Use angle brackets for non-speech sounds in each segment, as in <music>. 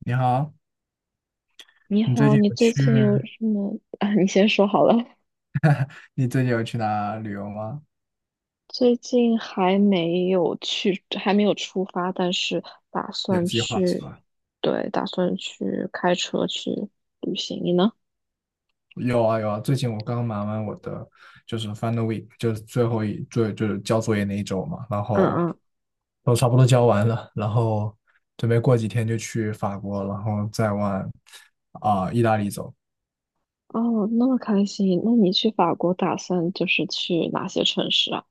你好，你你最好，近你有最去，近有什么啊？你先说好了。你最近有去哪旅游吗？最近还没有去，还没有出发，但是打有算计划是去，吧？对，打算去开车去旅行。你呢？有啊有啊，最近我刚忙完就是 final week，就是最后就是交作业那一周嘛，然嗯后嗯。都差不多交完了，然后准备过几天就去法国，然后再往意大利走，哦，那么开心。那你去法国打算就是去哪些城市啊？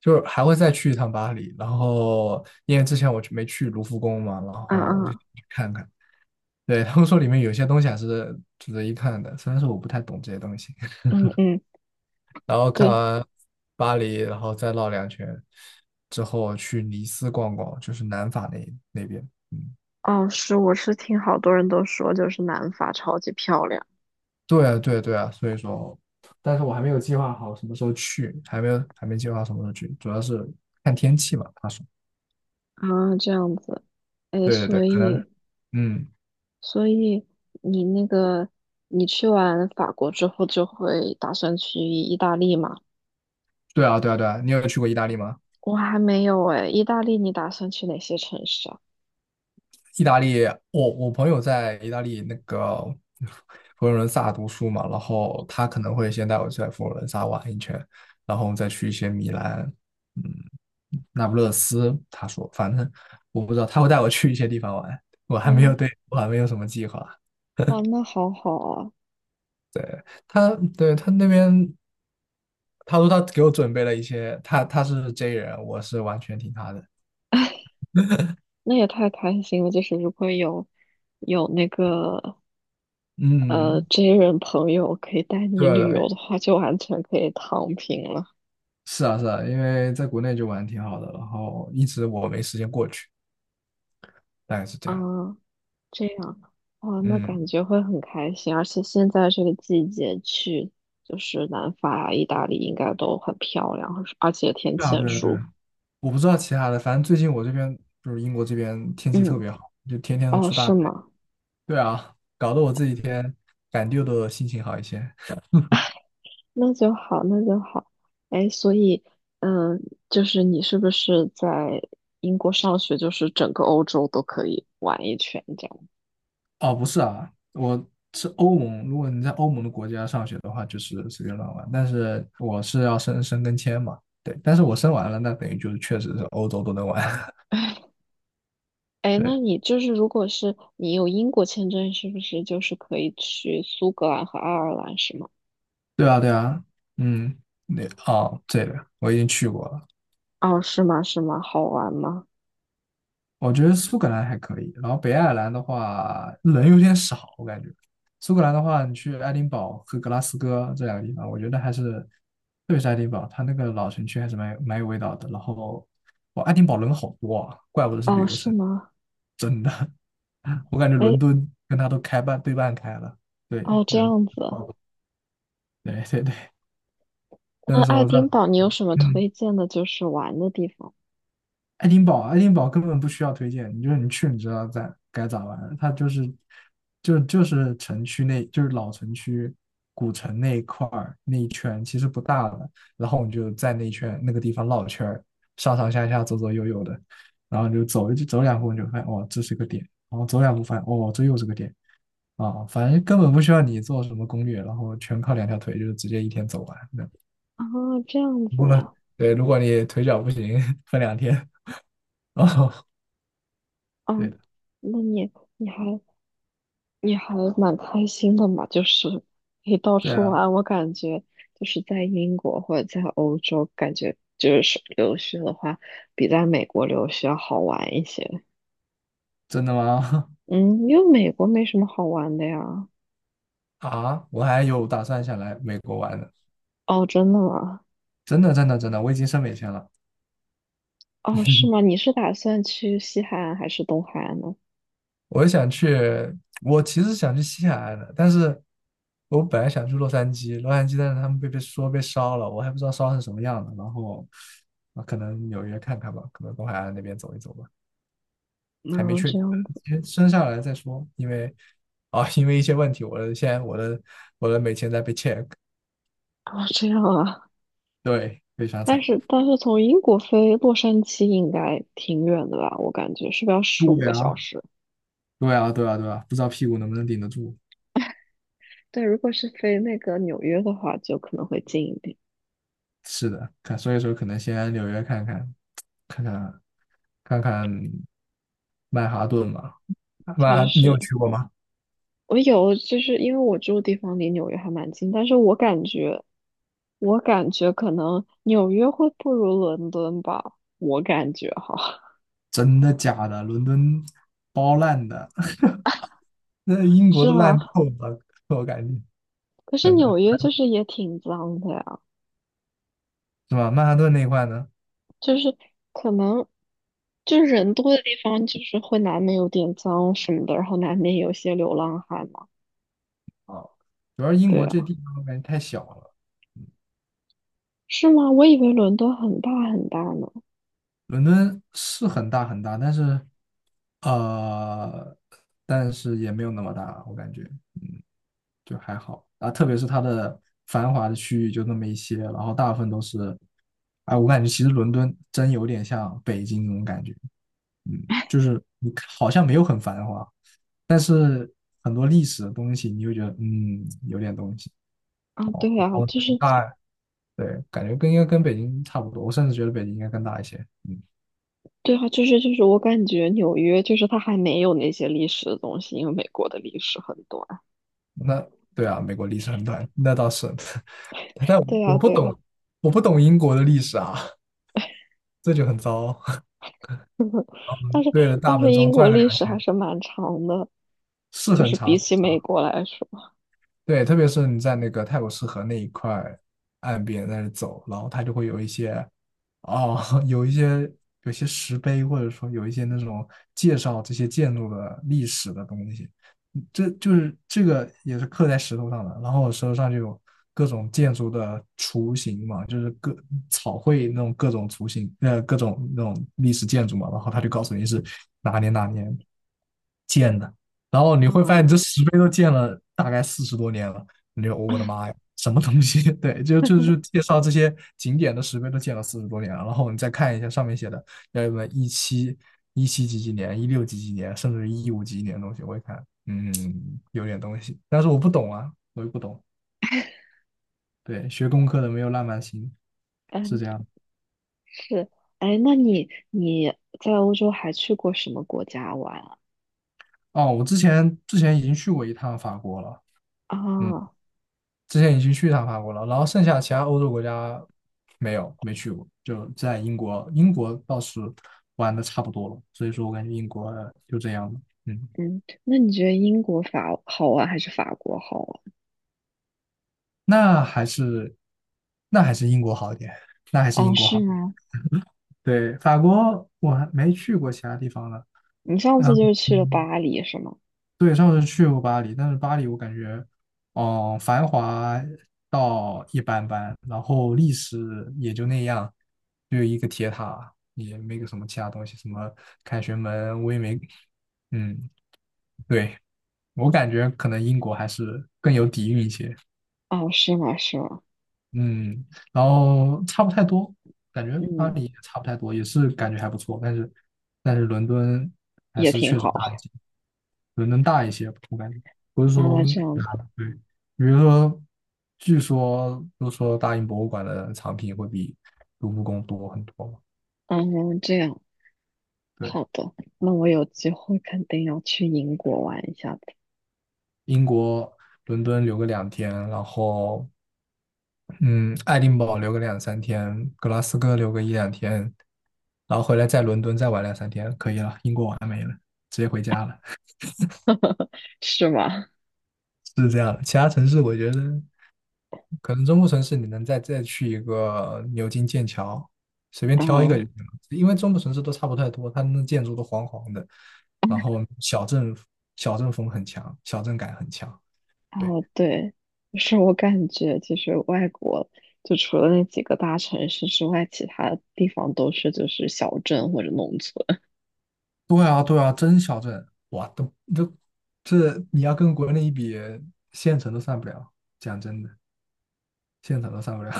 就是还会再去一趟巴黎。然后因为之前没去卢浮宫嘛，然嗯后我就嗯去看看。对，他们说里面有些东西还是值得一看的，虽然说我不太懂这些东西。嗯嗯，然后看对。完巴黎，然后再绕两圈，之后去尼斯逛逛，就是南法那边。嗯，哦，是，我是听好多人都说，就是南法超级漂亮。对啊，对啊对啊，所以说，但是我还没有计划好什么时候去，还没计划好什么时候去，主要是看天气嘛。他说，啊，这样子。哎，对对对，所可能，以，嗯，所以你那个，你去完法国之后就会打算去意大利吗？对啊对啊对啊，你有去过意大利吗？我还没有哎，意大利你打算去哪些城市啊？意大利，我朋友在意大利那个佛罗伦萨读书嘛，然后他可能会先带我去佛罗伦萨玩一圈，然后再去一些米兰，嗯，那不勒斯。他说，反正我不知道，他会带我去一些地方玩，我还没有哦，对，我还没有什么计划。哇，那好好啊，对他，对他那边，他说他给我准备了一些，他是 J 人，我是完全听他的。那也太开心了！就是如果有有那个嗯，J 人朋友可以带你对旅游的，的话，就完全可以躺平了。是啊，是啊，因为在国内就玩得挺好的，然后一直我没时间过去，大概是这啊，样。这样。哦，那感嗯，觉会很开心，而且现在这个季节去，就是南法、意大利应该都很漂亮，而且天对气啊，很对啊，对啊，舒服。我不知道其他的，反正最近我这边就是英国这边天气特嗯，别好，就天天都哦，出大是太阳。吗？对啊，搞得我这几天感觉的心情好一些。那就好，那就好。哎，所以，嗯，就是你是不是在英国上学，就是整个欧洲都可以玩一圈这样？哦，不是啊，我是欧盟，如果你在欧盟的国家上学的话，就是随便乱玩，但是我是要申申根签嘛，对，但是我申完了，那等于就是确实是欧洲都能玩。<laughs> 哎，那对。你就是如果是你有英国签证，是不是就是可以去苏格兰和爱尔兰，是吗？对啊，对啊，嗯，那哦，这个我已经去过了。哦，是吗？是吗？好玩吗？我觉得苏格兰还可以，然后北爱尔兰的话人有点少，我感觉。苏格兰的话，你去爱丁堡和格拉斯哥这两个地方，我觉得还是，特别是爱丁堡，它那个老城区还是蛮有味道的。然后，哇，爱丁堡人好多啊，怪不得是旅哦，游是城。吗？<laughs> 我感觉哎，伦敦跟它都开半对半开了。对，哦，这人，样子。哦，对对对，那那个时爱候在，丁堡你有什么嗯。推荐的，就是玩的地方？爱丁堡根本不需要推荐，你就是你去你知道在该咋玩儿它就是城区那，就是老城区古城那一块儿那一圈，其实不大了，然后你就在那一圈那个地方绕圈儿，上上下下左左右右的，然后你就走一走两步你就发现哦这是个点，然后走两步发现哦这又是个点啊，反正根本不需要你做什么攻略，然后全靠两条腿就是直接一天走完那。<laughs> 啊？这样子不过啊。对，如果你腿脚不行，<laughs> 分两天哦，对的。嗯，那你你还你还蛮开心的嘛，就是可以到对处啊，玩。我感觉就是在英国或者在欧洲，感觉就是留学的话，比在美国留学要好玩一些。真的吗？嗯，因为美国没什么好玩的呀。<laughs> 啊，我还有打算想来美国玩呢，哦，真的吗？真的真的真的，我已经申美签了。哦，是吗？你是打算去西海岸还是东海岸呢？我想去，我其实想去西海岸的，但是我本来想去洛杉矶，但是他们被烧了，我还不知道烧成什么样的。然后啊，可能纽约看看吧，可能东海岸那边走一走吧，还没嗯，确这定，样子。先升下来再说。因为一些问题，现在我的美签在被 check，哦，这样啊。对，非常但惨。是但是从英国飞洛杉矶应该挺远的吧？我感觉是不是要十五对个小啊，时？对啊，对啊，对啊，不知道屁股能不能顶得住。对，如果是飞那个纽约的话，就可能会近一点。是的，看，所以说可能先来纽约看看，看看看看曼哈顿吧。确你有实，去过吗？我有就是因为我住的地方离纽约还蛮近，但是我感觉可能纽约会不如伦敦吧，我感觉哈。真的假的？伦敦包烂的。<laughs> 那 <laughs> 英国是都烂吗？透了，我感觉可是真的纽约就是也挺脏的呀。是吧？曼哈顿那一块呢？就是可能就是人多的地方，就是会难免有点脏什么的，然后难免有些流浪汉嘛。啊，主要是英对国这啊，地方我感觉太小了。是吗？我以为伦敦很大很大呢。伦敦是很大很大，呃，但是也没有那么大，我感觉。嗯就还好啊。特别是它的繁华的区域就那么一些，然后大部分都是，哎，我感觉其实伦敦真有点像北京那种感觉，就是你看好像没有很繁华，但是很多历史的东西，你会觉得有点东西。啊，对然啊，后就是大，对，感觉应该跟北京差不多，我甚至觉得北京应该更大一些。嗯，对啊，就是我感觉纽约就是它还没有那些历史的东西，因为美国的历史很短。那对啊，美国历史很短，那倒是。<laughs> 但对啊，我不对啊，懂，我不懂英国的历史啊，这就很糟。<laughs> 但 <laughs> 是对着大本钟英国转了历两史还圈。是蛮长的，是就很是长，比是很起美长。国来说，对，特别是你在那个泰晤士河那一块岸边在那走，然后它就会有一些，哦，<laughs> 有一些有些石碑，或者说有一些那种介绍这些建筑的历史的东西。这就是这个也是刻在石头上的。然后我石头上就有各种建筑的雏形嘛，就是草绘那种各种雏形，各种那种历史建筑嘛。然后他就告诉你是哪年哪年建的，然后你会发现你嗯，这石碑都建了大概四十多年了。你就我的妈呀，什么东西？<laughs> 对，就介绍这些景点的石碑都建了四十多年了，然后你再看一下上面写的，要不然一七几几年、一六几几年，甚至一五几几年的东西，我一看，嗯，有点东西，但是我不懂啊，我又不懂。对，学工科的没有浪漫心，是嗯这样的。是。哎，那你在欧洲还去过什么国家玩啊？哦，我之前已经去过一趟法国了，嗯，啊，之前已经去一趟法国了，然后剩下其他欧洲国家没去过，就在英国，英国倒是玩的差不多了，所以说我感觉英国就这样了，嗯，那你觉得英国法好玩还是法国好玩？那还是那还是英国好一点，那还是哦，英国好是一点。吗？对，法国我还没去过其他地方呢，你上次就嗯是去了嗯。巴黎是吗？对，上次去过巴黎，但是巴黎我感觉，繁华到一般般，然后历史也就那样，就一个铁塔，也没个什么其他东西，什么凯旋门我也没，嗯，对，我感觉可能英国还是更有底蕴一些。哦，是吗？是吗？嗯，然后差不太多，感觉巴嗯，黎也差不太多，也是感觉还不错，但是伦敦还也是挺确实大一好。些，伦敦大一些，我感觉不是说啊，这样大子，的对，比如说，都说大英博物馆的藏品会比卢浮宫多很多嘛。嗯，这样，对，好的，那我有机会肯定要去英国玩一下的，英国伦敦留个两天，然后嗯，爱丁堡留个两三天，格拉斯哥留个一两天，然后回来在伦敦再玩两三天，可以了，英国完美了，直接回家了。是吗？<laughs> 是这样的。其他城市我觉得可能中部城市你能再去一个牛津、剑桥，随便挑一个嗯，就行了，因为中部城市都差不太多，他们的建筑都黄黄的，然后小镇风很强，小镇感很强。对。哦，对，就是我感觉就是外国，就除了那几个大城市之外，其他地方都是就是小镇或者农村。对啊，对啊，真小镇，哇，都这你要跟国内一比，县城都上不了。讲真的，县城都上不了。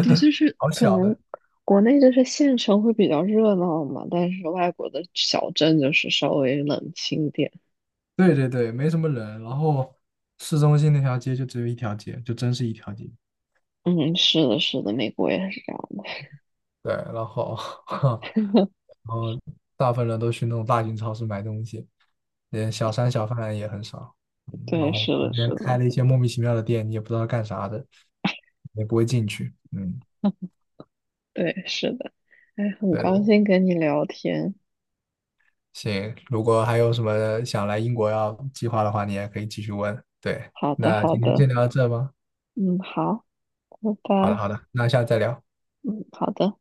对，就是 <laughs> 好可小能的。国内就是县城会比较热闹嘛，但是外国的小镇就是稍微冷清点。对对对，没什么人。然后市中心那条街就只有一条街，就真是一条街。嗯，是的，是的，美国也是这样的。对，然后 <laughs> <laughs> 然后大部分人都去那种大型超市买东西，连小商小贩也很少。然对，后是旁的，是边开的，了一些莫名其妙的店，你也不知道干啥的，也不会进去。嗯。对，是的。哎，很高对。兴跟你聊天。行，如果还有什么想来英国要计划的话，你也可以继续问。对，好的，那好今天的。先聊到这吧。嗯，好，拜好的，拜。好的，那下次再聊。嗯，好的。